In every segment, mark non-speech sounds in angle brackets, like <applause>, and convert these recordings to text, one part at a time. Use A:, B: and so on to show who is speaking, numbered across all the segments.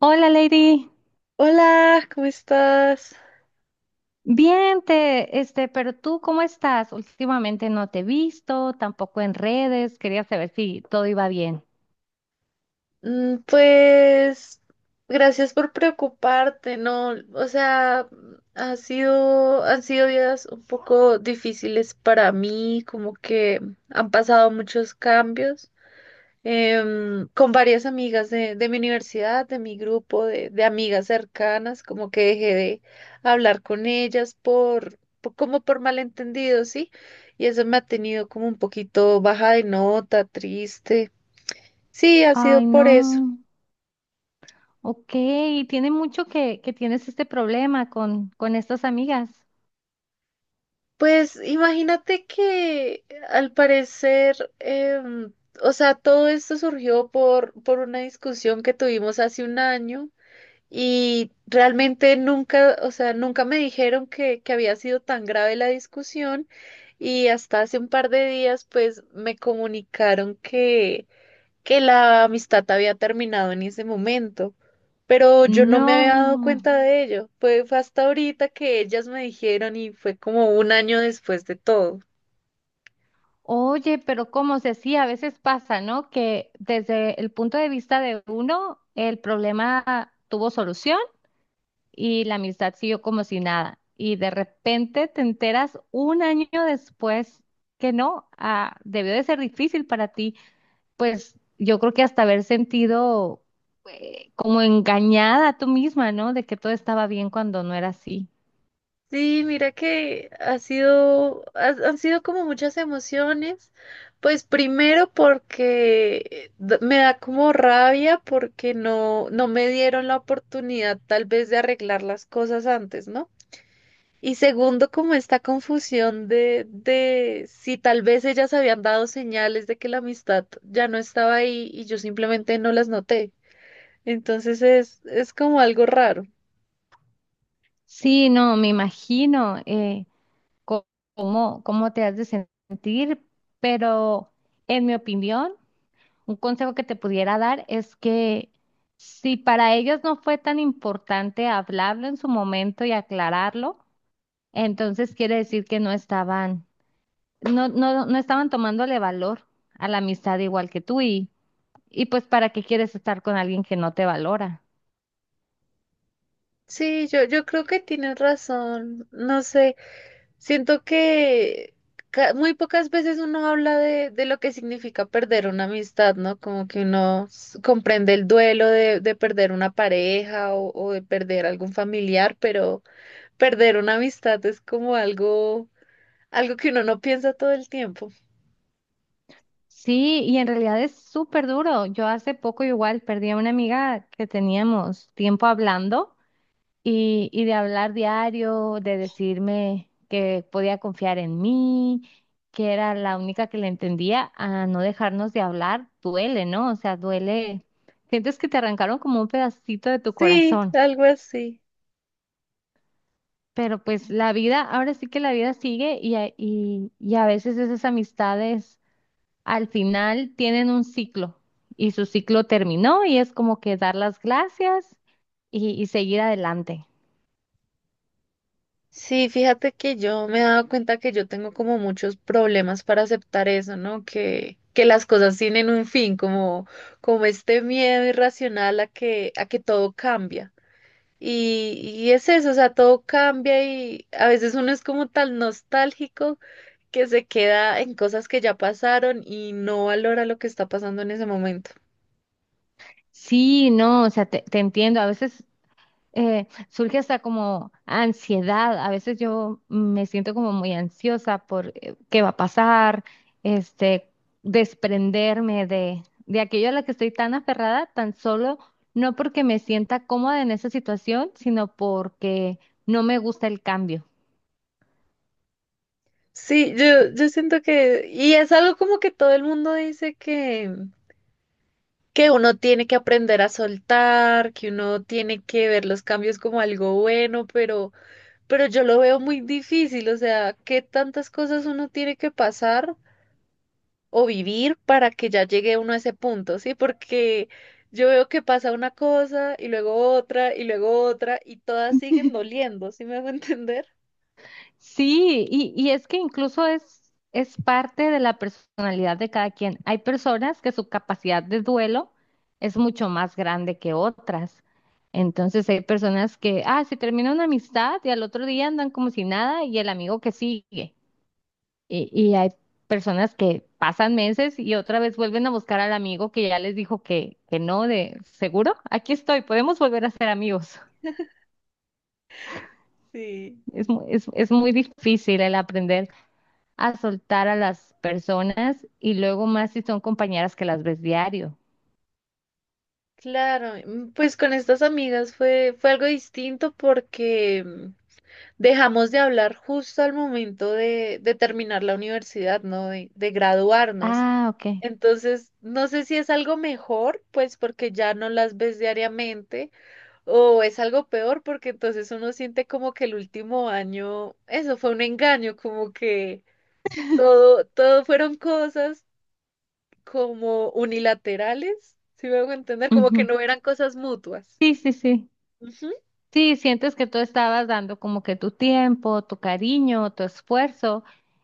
A: Hola, Lady.
B: Hola, ¿cómo estás?
A: Bien, pero tú, ¿cómo estás? Últimamente no te he visto, tampoco en redes. Quería saber si todo iba bien.
B: Pues gracias por preocuparte, ¿no? O sea, han sido días un poco difíciles para mí, como que han pasado muchos cambios con varias amigas de mi universidad, de mi grupo, de amigas cercanas, como que dejé de hablar con ellas como por malentendidos, ¿sí? Y eso me ha tenido como un poquito baja de nota, triste. Sí, ha sido
A: Ay,
B: por
A: no.
B: eso.
A: Ok, tiene mucho que tienes este problema con estas amigas.
B: Pues imagínate que al parecer, o sea, todo esto surgió por una discusión que tuvimos hace un año y realmente nunca, o sea, nunca me dijeron que había sido tan grave la discusión y hasta hace un par de días pues me comunicaron que la amistad había terminado en ese momento, pero yo no me había dado
A: No.
B: cuenta de ello. Fue hasta ahorita que ellas me dijeron y fue como un año después de todo.
A: Oye, pero como se sí, a veces pasa, ¿no? Que desde el punto de vista de uno, el problema tuvo solución y la amistad siguió como si nada. Y de repente te enteras un año después que no, debió de ser difícil para ti. Pues yo creo que hasta haber sentido como engañada tú misma, ¿no? De que todo estaba bien cuando no era así.
B: Sí, mira que han sido como muchas emociones. Pues primero porque me da como rabia porque no me dieron la oportunidad tal vez de arreglar las cosas antes, ¿no? Y segundo, como esta confusión de si tal vez ellas habían dado señales de que la amistad ya no estaba ahí y yo simplemente no las noté. Entonces es como algo raro.
A: Sí, no, me imagino, co- cómo, cómo te has de sentir, pero en mi opinión, un consejo que te pudiera dar es que si para ellos no fue tan importante hablarlo en su momento y aclararlo, entonces quiere decir que no, no estaban tomándole valor a la amistad igual que tú. Y y pues ¿para qué quieres estar con alguien que no te valora?
B: Sí, yo creo que tienes razón. No sé, siento que muy pocas veces uno habla de lo que significa perder una amistad, ¿no? Como que uno comprende el duelo de perder una pareja o de perder algún familiar, pero perder una amistad es como algo, algo que uno no piensa todo el tiempo.
A: Sí, y en realidad es súper duro. Yo hace poco igual perdí a una amiga que teníamos tiempo hablando. Y de hablar diario, de decirme que podía confiar en mí, que era la única que le entendía, a no dejarnos de hablar, duele, ¿no? O sea, duele. Sientes que te arrancaron como un pedacito de tu
B: Sí,
A: corazón.
B: algo así.
A: Pero pues la vida, ahora sí que la vida sigue, y a veces esas amistades al final tienen un ciclo y su ciclo terminó, y es como que dar las gracias y seguir adelante.
B: Sí, fíjate que yo me he dado cuenta que yo tengo como muchos problemas para aceptar eso, ¿no? Que las cosas tienen un fin, como, como este miedo irracional a que todo cambia. Y es eso, o sea, todo cambia y a veces uno es como tan nostálgico que se queda en cosas que ya pasaron y no valora lo que está pasando en ese momento.
A: Sí, no, o sea, te entiendo. A veces surge hasta como ansiedad. A veces yo me siento como muy ansiosa por, qué va a pasar, este, desprenderme de aquello a lo que estoy tan aferrada, tan solo no porque me sienta cómoda en esa situación, sino porque no me gusta el cambio.
B: Sí, yo siento que, y es algo como que todo el mundo dice que uno tiene que aprender a soltar, que uno tiene que ver los cambios como algo bueno, pero yo lo veo muy difícil, o sea, qué tantas cosas uno tiene que pasar o vivir para que ya llegue uno a ese punto, ¿sí? Porque yo veo que pasa una cosa y luego otra y luego otra y todas siguen doliendo, ¿sí me hago <laughs> entender?
A: Sí, y es que incluso es parte de la personalidad de cada quien. Hay personas que su capacidad de duelo es mucho más grande que otras. Entonces hay personas que, se termina una amistad y al otro día andan como si nada, y el amigo que sigue. Y hay personas que pasan meses y otra vez vuelven a buscar al amigo que ya les dijo que no. De seguro, aquí estoy, podemos volver a ser amigos.
B: Sí.
A: Es muy difícil el aprender a soltar a las personas, y luego más si son compañeras que las ves diario.
B: Claro, mm, pues con estas amigas fue algo distinto porque mm, dejamos de hablar justo al momento de terminar la universidad, ¿no? De graduarnos.
A: Ah, ok.
B: Entonces, no sé si es algo mejor, pues porque ya no las ves diariamente, o es algo peor porque entonces uno siente como que el último año, eso fue un engaño, como que todo, todo fueron cosas como unilaterales, si me hago entender, como que
A: Ujú.
B: no eran cosas mutuas.
A: Sí, sí, sí.
B: Ujú.
A: Sí, sientes que tú estabas dando como que tu tiempo, tu cariño, tu esfuerzo,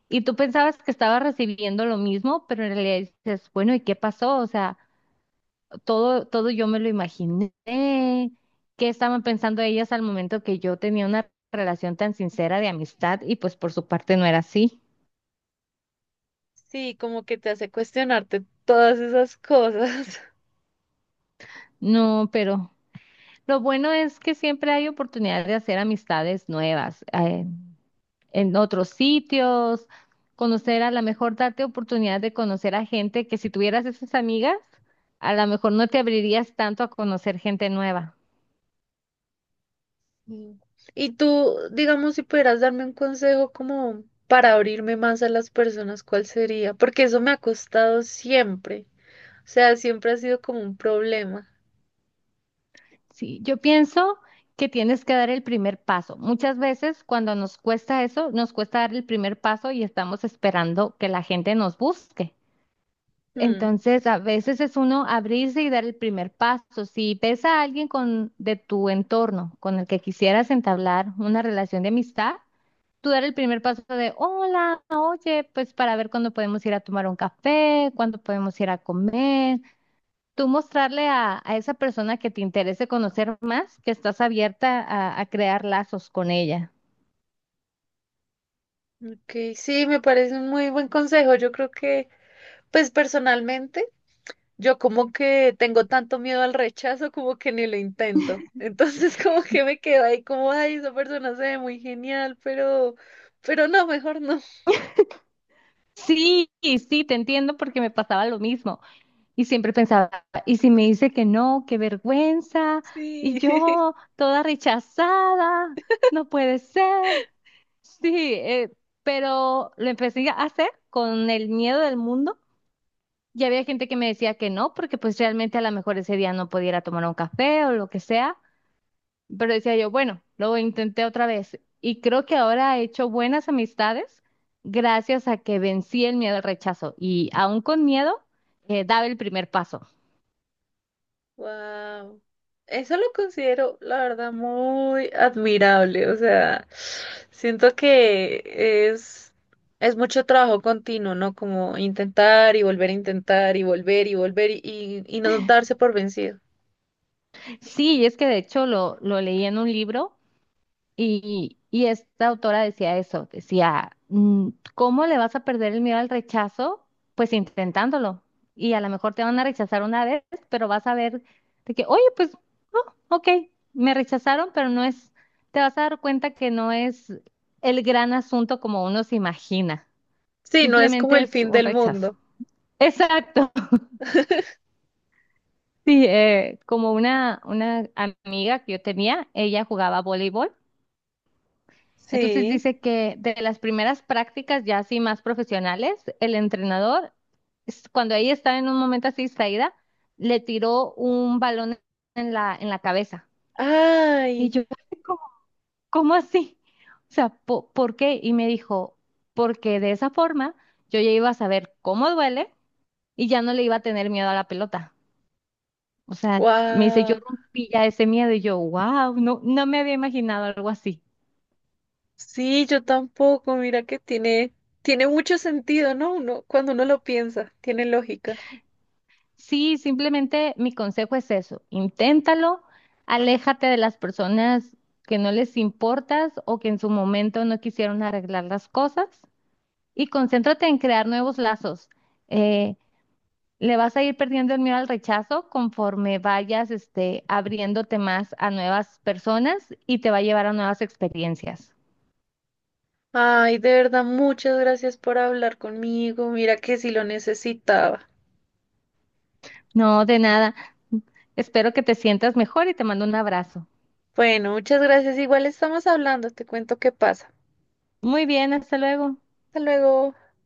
A: y tú pensabas que estabas recibiendo lo mismo, pero en realidad dices, bueno, ¿y qué pasó? O sea, todo yo me lo imaginé. ¿Qué estaban pensando ellas al momento que yo tenía una relación tan sincera de amistad y pues por su parte no era así?
B: Sí, como que te hace cuestionarte todas esas cosas. <laughs>
A: No, pero lo bueno es que siempre hay oportunidad de hacer amistades nuevas, en otros sitios, conocer a lo mejor, darte oportunidad de conocer a gente que si tuvieras esas amigas, a lo mejor no te abrirías tanto a conocer gente nueva.
B: Sí. Y tú, digamos, si pudieras darme un consejo como para abrirme más a las personas, ¿cuál sería? Porque eso me ha costado siempre. O sea, siempre ha sido como un problema.
A: Sí, yo pienso que tienes que dar el primer paso. Muchas veces cuando nos cuesta eso, nos cuesta dar el primer paso y estamos esperando que la gente nos busque.
B: Hmm,
A: Entonces, a veces es uno abrirse y dar el primer paso. Si ves a alguien de tu entorno con el que quisieras entablar una relación de amistad, tú dar el primer paso de, hola, oye, pues para ver cuándo podemos ir a tomar un café, cuándo podemos ir a comer. Tú mostrarle a esa persona que te interese conocer más, que estás abierta a crear lazos con ella.
B: ok, sí, me parece un muy buen consejo. Yo creo que, pues personalmente, yo como que tengo tanto miedo al rechazo como que ni lo intento. Entonces <laughs> como que me quedo ahí como, ay, esa persona se ve muy genial, pero no, mejor no.
A: Sí, sí, te entiendo porque me pasaba lo mismo. Y siempre pensaba, ¿y si me dice que no? ¡Qué vergüenza! Y
B: Sí. <laughs>
A: yo, toda rechazada, no puede ser. Sí, pero lo empecé a hacer con el miedo del mundo. Y había gente que me decía que no, porque pues realmente a lo mejor ese día no pudiera tomar un café o lo que sea. Pero decía yo, bueno, lo intenté otra vez. Y creo que ahora he hecho buenas amistades gracias a que vencí el miedo al rechazo. Y aún con miedo, daba el primer paso.
B: Wow. Eso lo considero, la verdad, muy admirable. O sea, siento que es, es mucho trabajo continuo, ¿no? Como intentar y volver a intentar y volver y volver y no darse por vencido.
A: Sí, y es que de hecho lo leí en un libro, y esta autora decía eso, decía, mm, ¿cómo le vas a perder el miedo al rechazo? Pues intentándolo. Y a lo mejor te van a rechazar una vez, pero vas a ver de que, oye, pues, no, ok, me rechazaron, pero no es, te vas a dar cuenta que no es el gran asunto como uno se imagina.
B: Sí, no es como
A: Simplemente
B: el
A: es
B: fin
A: un
B: del
A: rechazo.
B: mundo.
A: Exacto. <laughs> Sí, como una amiga que yo tenía, ella jugaba voleibol. Entonces
B: Sí.
A: dice que de las primeras prácticas ya así más profesionales, el entrenador, cuando ella estaba en un momento así distraída, le tiró un balón en en la cabeza. Y
B: Ay,
A: yo, <laughs> ¿cómo, cómo así? O sea, ¿por qué?" Y me dijo, porque de esa forma yo ya iba a saber cómo duele y ya no le iba a tener miedo a la pelota. O sea, me dice, yo
B: wow.
A: rompí ya ese miedo y yo, wow, no, no me había imaginado algo así.
B: Sí, yo tampoco. Mira que tiene, tiene mucho sentido, ¿no? Uno, cuando uno lo piensa, tiene lógica.
A: Sí, simplemente mi consejo es eso, inténtalo, aléjate de las personas que no les importas o que en su momento no quisieron arreglar las cosas, y concéntrate en crear nuevos lazos. Eh, le vas a ir perdiendo el miedo al rechazo conforme vayas, abriéndote más a nuevas personas, y te va a llevar a nuevas experiencias.
B: Ay, de verdad, muchas gracias por hablar conmigo. Mira que sí lo necesitaba.
A: No, de nada. Espero que te sientas mejor y te mando un abrazo.
B: Bueno, muchas gracias. Igual estamos hablando. Te cuento qué pasa.
A: Muy bien, hasta luego.
B: Hasta luego.